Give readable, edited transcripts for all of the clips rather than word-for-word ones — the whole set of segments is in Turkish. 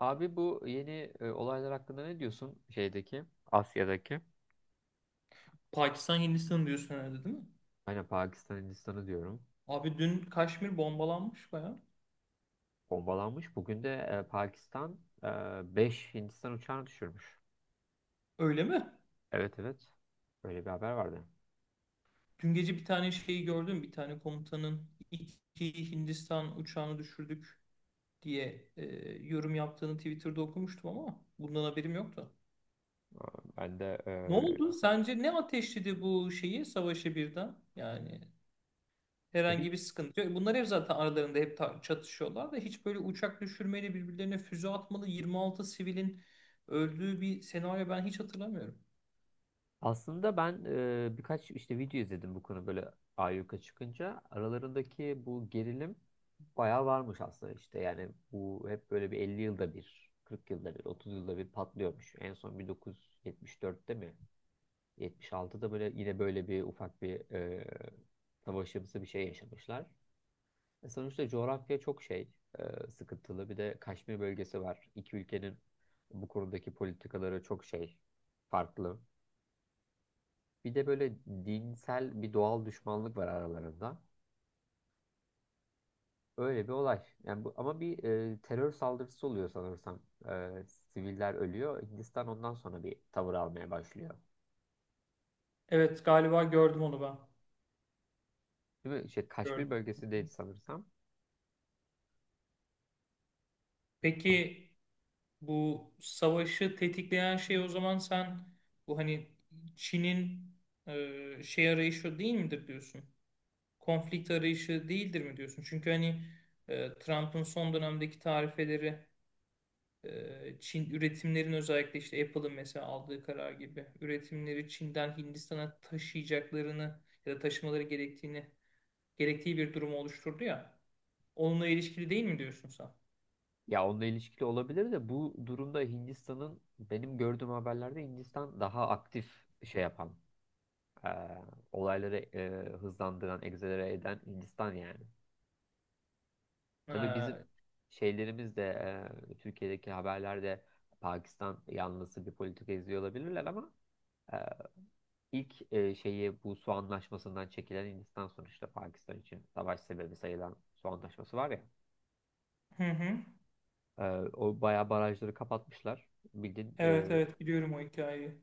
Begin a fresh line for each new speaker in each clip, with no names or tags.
Abi bu yeni olaylar hakkında ne diyorsun şeydeki Asya'daki?
Pakistan Hindistan diyorsun herhalde değil mi?
Aynen Pakistan Hindistan'ı diyorum.
Abi dün Kaşmir bombalanmış baya.
Bombalanmış. Bugün de Pakistan 5 Hindistan uçağını düşürmüş.
Öyle mi?
Evet evet. Böyle bir haber vardı.
Dün gece bir tane şeyi gördüm. Bir tane komutanın iki Hindistan uçağını düşürdük diye yorum yaptığını Twitter'da okumuştum ama bundan haberim yoktu.
Aa, ben de
Ne oldu? Sence ne ateşledi bu şeyi savaşı birden? Yani
E, bir
herhangi bir sıkıntı yok. Bunlar hep zaten aralarında hep çatışıyorlar da hiç böyle uçak düşürmeyle birbirlerine füze atmalı 26 sivilin öldüğü bir senaryo ben hiç hatırlamıyorum.
Aslında ben birkaç işte video izledim bu konu böyle ayyuka çıkınca. Aralarındaki bu gerilim bayağı varmış aslında işte. Yani bu hep böyle bir 50 yılda bir, 40 yılda bir, 30 yılda bir patlıyormuş. En son 1974'te mi? 76'da böyle yine böyle bir ufak bir savaşımsı bir şey yaşamışlar. E, sonuçta coğrafya çok şey sıkıntılı. Bir de Kaşmir bölgesi var. İki ülkenin bu konudaki politikaları çok şey farklı. Bir de böyle dinsel bir doğal düşmanlık var aralarında. Öyle bir olay. Yani bu, ama bir terör saldırısı oluyor sanırsam. E, siviller ölüyor. Hindistan ondan sonra bir tavır almaya başlıyor.
Evet galiba gördüm onu ben.
Değil mi? İşte Kaşmir
Gördüm.
bölgesindeydi sanırsam. Ama-
Peki bu savaşı tetikleyen şey o zaman sen bu hani Çin'in şey arayışı değil midir diyorsun? Konflikt arayışı değildir mi diyorsun? Çünkü hani Trump'ın son dönemdeki tarifeleri Çin üretimlerin özellikle işte Apple'ın mesela aldığı karar gibi üretimleri Çin'den Hindistan'a taşıyacaklarını ya da taşımaları gerektiğini gerektiği bir durumu oluşturdu ya. Onunla ilişkili değil mi diyorsun sen?
Ya onunla ilişkili olabilir de bu durumda Hindistan'ın benim gördüğüm haberlerde Hindistan daha aktif şey yapan, e, olayları hızlandıran, egzelere eden Hindistan yani. Tabii
Ha.
bizim şeylerimiz de Türkiye'deki haberlerde Pakistan yanlısı bir politika izliyor olabilirler ama e, ilk şeyi bu su anlaşmasından çekilen Hindistan sonuçta Pakistan için savaş sebebi sayılan su anlaşması var ya.
Hı hı.
e, O bayağı barajları kapatmışlar. Bildiğin
Evet evet, biliyorum o hikayeyi.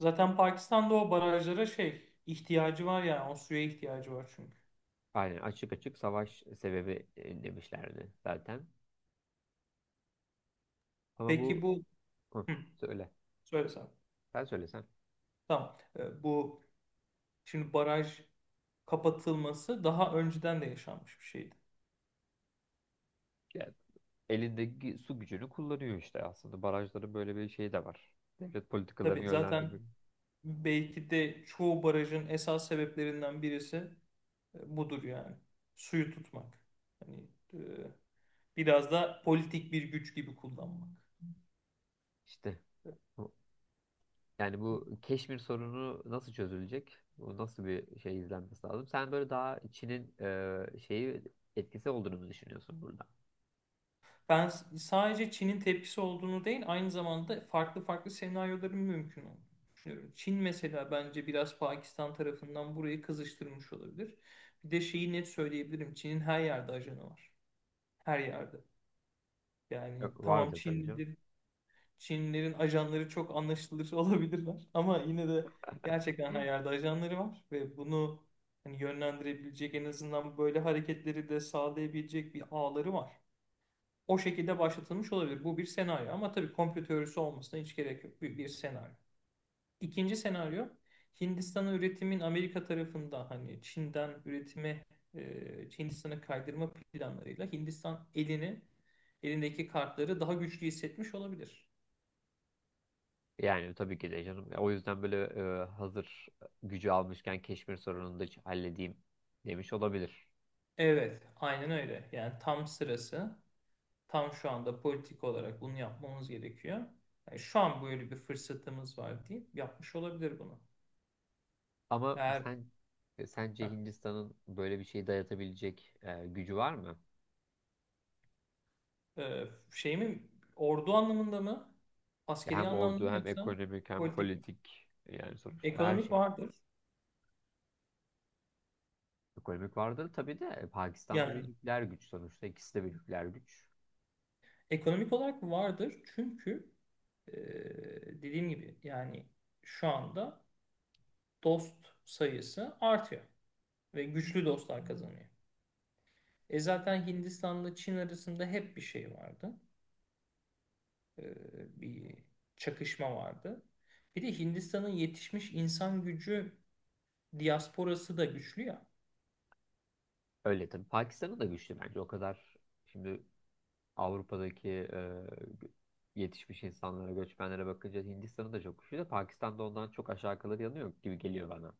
Zaten Pakistan'da o barajlara şey ihtiyacı var, yani o suya ihtiyacı var çünkü.
aynen açık açık savaş sebebi demişlerdi zaten. Ama
Peki
bu
bu
Hı,
hı,
söyle.
söyle sen.
Sen söylesen.
Tamam. Bu şimdi baraj kapatılması daha önceden de yaşanmış bir şeydi.
Elindeki su gücünü kullanıyor işte aslında. Barajların böyle bir şeyi de var. Devlet
Tabii
politikalarını
zaten
yönlendirmek.
belki de çoğu barajın esas sebeplerinden birisi budur yani. Suyu tutmak. Hani e, biraz da politik bir güç gibi kullanmak.
İşte bu- Yani bu Keşmir sorunu nasıl çözülecek? Bu nasıl bir şey izlenmesi lazım? Sen böyle daha Çin'in e, etkisi olduğunu mu düşünüyorsun burada?
Ben sadece Çin'in tepkisi olduğunu değil, aynı zamanda farklı farklı senaryoların mümkün olduğunu düşünüyorum. Çin mesela bence biraz Pakistan tarafından burayı kızıştırmış olabilir. Bir de şeyi net söyleyebilirim. Çin'in her yerde ajanı var. Her yerde.
E,
Yani tamam
vardır tabii canım.
Çinlidir, Çinlilerin ajanları çok anlaşılır olabilirler. Ama yine de gerçekten her yerde ajanları var ve bunu hani yönlendirebilecek, en azından böyle hareketleri de sağlayabilecek bir ağları var. O şekilde başlatılmış olabilir. Bu bir senaryo, ama tabii komplo teorisi olmasına hiç gerek yok. Bir senaryo. İkinci senaryo Hindistan'a üretimin Amerika tarafında hani Çin'den üretime e, Hindistan'a kaydırma planlarıyla Hindistan elindeki kartları daha güçlü hissetmiş olabilir.
Yani tabii ki de canım. O yüzden böyle hazır gücü almışken Keşmir sorununu da halledeyim demiş olabilir.
Evet, aynen öyle. Yani tam sırası, tam şu anda politik olarak bunu yapmamız gerekiyor. Yani şu an böyle bir fırsatımız var deyip yapmış olabilir bunu.
Ama
Eğer
sen sence
heh,
Hindistan'ın böyle bir şey dayatabilecek gücü var mı?
e, şey mi, ordu anlamında mı,
Ya
askeri
hem
anlamda
ordu
mı,
hem
yoksa
ekonomik hem
politik mi?
politik yani sonuçta her
Ekonomik
şey.
vardır.
Ekonomik vardır tabii de Pakistan'da bir
Yani
nükleer güç sonuçta ikisi de bir nükleer güç.
ekonomik olarak vardır, çünkü e, dediğim gibi yani şu anda dost sayısı artıyor ve güçlü dostlar kazanıyor. Zaten Hindistan'la Çin arasında hep bir şey vardı. Ee, bir çakışma vardı. Bir de Hindistan'ın yetişmiş insan gücü diasporası da güçlü ya.
Öyle tabii Pakistan'ın da güçlü bence o kadar şimdi Avrupa'daki yetişmiş insanlara göçmenlere bakınca Hindistan'ın da çok güçlü de Pakistan'da ondan çok aşağı kalır yanı yok gibi geliyor bana.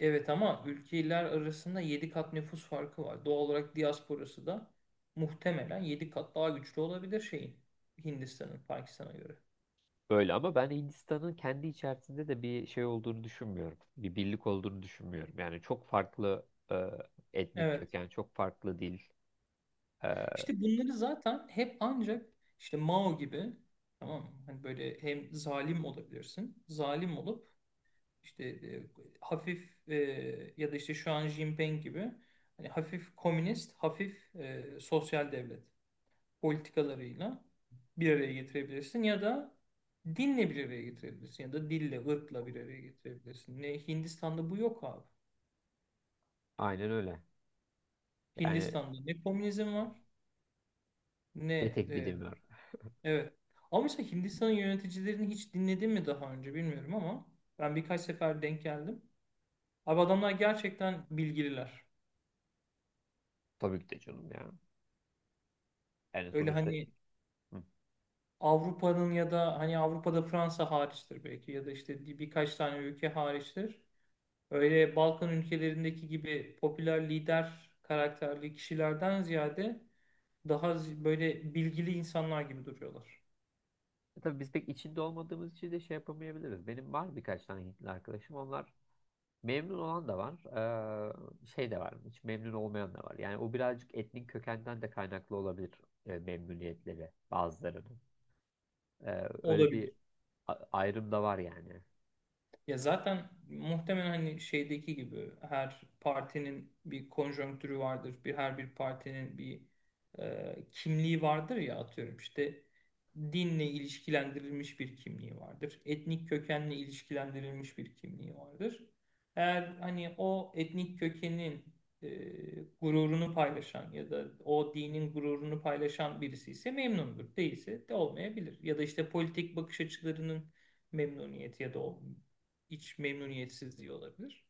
Evet, ama ülkeler arasında 7 kat nüfus farkı var. Doğal olarak diasporası da muhtemelen 7 kat daha güçlü olabilir şeyin. Hindistan'ın Pakistan'a göre.
Böyle ama ben Hindistan'ın kendi içerisinde de bir şey olduğunu düşünmüyorum. Bir birlik olduğunu düşünmüyorum. Yani çok farklı etnik
Evet.
köken, çok farklı dil. e,
İşte bunları zaten hep ancak işte Mao gibi, tamam mı? Hani böyle hem zalim olabilirsin. Zalim olup işte hafif ya da işte şu an Jinping gibi hani hafif komünist, hafif sosyal devlet politikalarıyla bir araya getirebilirsin, ya da dinle bir araya getirebilirsin, ya da dille, ırkla bir araya getirebilirsin. Ne Hindistan'da bu yok abi.
Aynen öyle. Yani
Hindistan'da ne komünizm var, ne
ne tekbir
e,
demiyor.
evet. Ama mesela Hindistan'ın yöneticilerini hiç dinledin mi daha önce bilmiyorum, ama ben birkaç sefer denk geldim. Abi adamlar gerçekten bilgililer.
Tabii ki de canım ya. Yani
Öyle
sonuçta
hani
hı.
Avrupa'nın ya da hani Avrupa'da Fransa hariçtir belki, ya da işte birkaç tane ülke hariçtir. Öyle Balkan ülkelerindeki gibi popüler lider karakterli kişilerden ziyade daha böyle bilgili insanlar gibi duruyorlar.
E, tabii biz pek içinde olmadığımız için de şey yapamayabiliriz. Benim var birkaç tane Hintli arkadaşım. Onlar memnun olan da var. Şey de var. Hiç memnun olmayan da var. Yani o birazcık etnik kökenden de kaynaklı olabilir memnuniyetleri bazılarının. Öyle bir
Olabilir.
ayrım da var yani.
Ya zaten muhtemelen hani şeydeki gibi her partinin bir konjonktürü vardır. Her bir partinin bir kimliği vardır ya, atıyorum işte dinle ilişkilendirilmiş bir kimliği vardır. Etnik kökenle ilişkilendirilmiş bir kimliği vardır. Eğer hani o etnik kökenin e, gururunu paylaşan ya da o dinin gururunu paylaşan birisi ise memnundur. Değilse de olmayabilir. Ya da işte politik bakış açılarının memnuniyeti ya da o iç memnuniyetsizliği olabilir.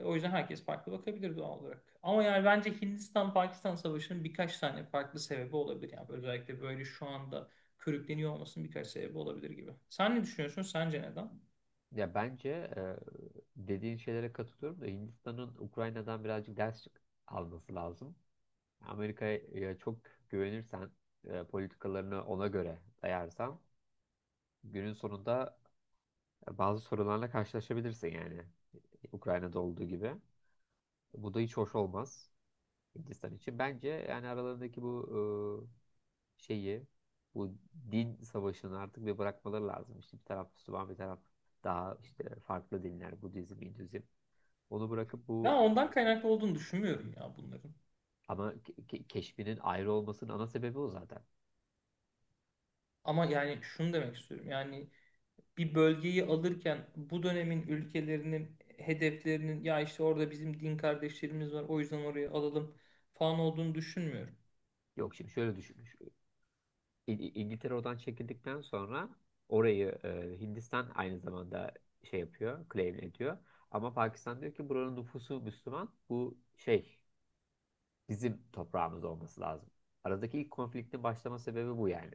O yüzden herkes farklı bakabilir doğal olarak. Ama yani bence Hindistan-Pakistan Savaşı'nın birkaç tane farklı sebebi olabilir. Yani özellikle böyle şu anda körükleniyor olmasının birkaç sebebi olabilir gibi. Sen ne düşünüyorsun? Sence neden?
Ya bence e, dediğin şeylere katılıyorum da Hindistan'ın Ukrayna'dan birazcık alması lazım. Amerika'ya çok güvenirsen, politikalarını ona göre dayarsan günün sonunda bazı sorunlarla karşılaşabilirsin yani Ukrayna'da olduğu gibi. Bu da hiç hoş olmaz Hindistan için. Bence yani aralarındaki bu e, şeyi, bu din savaşını artık bir bırakmaları lazım. İşte bir taraf Müslüman, bir taraf daha işte farklı dinler, Budizm, Hinduizm. Onu bırakıp
Ben
bu
ondan
şey
kaynaklı olduğunu düşünmüyorum ya bunların.
ama keşfinin ayrı olmasının ana sebebi o zaten.
Ama yani şunu demek istiyorum. Yani bir bölgeyi alırken bu dönemin ülkelerinin hedeflerinin ya işte orada bizim din kardeşlerimiz var o yüzden oraya alalım falan olduğunu düşünmüyorum.
Yok şimdi şöyle düşünmüş. İ- İngiltere oradan çekildikten sonra orayı Hindistan aynı zamanda şey yapıyor, claim ediyor. Ama Pakistan diyor ki buranın nüfusu Müslüman. Bu şey bizim toprağımız olması lazım. Aradaki ilk konfliktin başlama sebebi bu yani.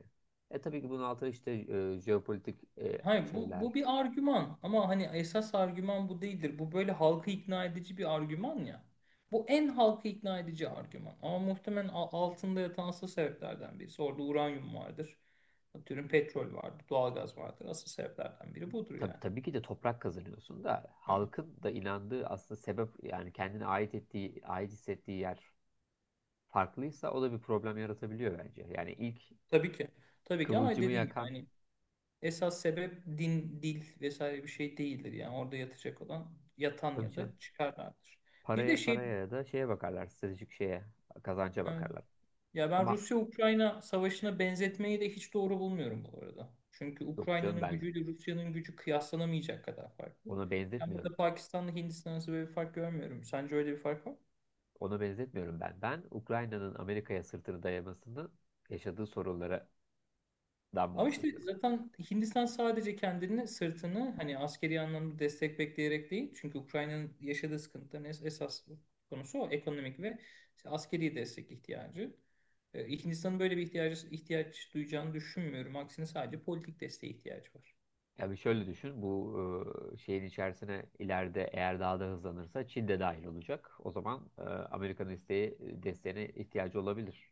E tabii ki bunun altında işte jeopolitik
Hayır, bu,
şeyler,
bu bir argüman, ama hani esas argüman bu değildir. Bu böyle halkı ikna edici bir argüman ya. Bu en halkı ikna edici argüman. Ama muhtemelen altında yatan asıl sebeplerden birisi. Orada uranyum vardır. Atıyorum petrol vardır, doğalgaz vardır. Asıl sebeplerden biri budur
tabii,
yani.
tabii ki de toprak kazanıyorsun da
Evet.
halkın da inandığı aslında sebep yani kendine ait ettiği, ait hissettiği yer farklıysa o da bir problem yaratabiliyor bence. Yani ilk
Tabii ki. Tabii ki, ama
kıvılcımı
dediğim gibi
yakan
hani esas sebep din, dil vesaire bir şey değildir. Yani orada yatacak olan yatan
tabii
ya da
canım,
çıkarlardır. Bir de
paraya
şey...
paraya ya da şeye bakarlar, stratejik şeye, kazanca
Evet.
bakarlar.
Ya ben
Ama
Rusya-Ukrayna savaşına benzetmeyi de hiç doğru bulmuyorum bu arada. Çünkü
yok canım
Ukrayna'nın
ben
gücüyle Rusya'nın gücü kıyaslanamayacak kadar farklı.
ona
Ben burada
benzetmiyorum.
Pakistan'la Hindistan arasında böyle bir fark görmüyorum. Sence öyle bir fark var mı?
Ona benzetmiyorum ben. Ben Ukrayna'nın Amerika'ya sırtını dayamasının yaşadığı sorunlardan
Ama işte
bahsediyorum.
zaten Hindistan sadece kendini, sırtını hani askeri anlamda destek bekleyerek değil. Çünkü Ukrayna'nın yaşadığı sıkıntıların esas konusu o ekonomik ve işte askeri destek ihtiyacı. Hindistan'ın böyle bir ihtiyaç duyacağını düşünmüyorum. Aksine sadece politik desteğe ihtiyacı var.
Ya bir şöyle düşün. Bu şeyin içerisine ileride eğer daha da hızlanırsa Çin de dahil olacak. O zaman Amerika'nın isteği desteğine ihtiyacı olabilir.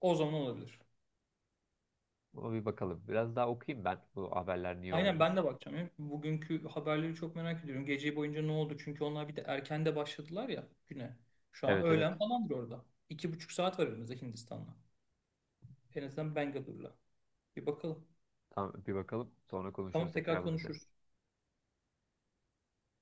O zaman olabilir.
Ama bir bakalım. Biraz daha okuyayım ben bu haberler niye
Aynen,
olmuş.
ben de bakacağım ya. Bugünkü haberleri çok merak ediyorum. Gece boyunca ne oldu? Çünkü onlar bir de erken de başladılar ya güne. Şu an
Evet evet.
öğlen falandır orada. 2,5 saat var aramızda Hindistan'la. En azından Bangalore'la. Bir bakalım.
Tamam bir bakalım. Sonra konuşuruz
Tamam,
tekrar
tekrar
bunun üzerine.
konuşuruz.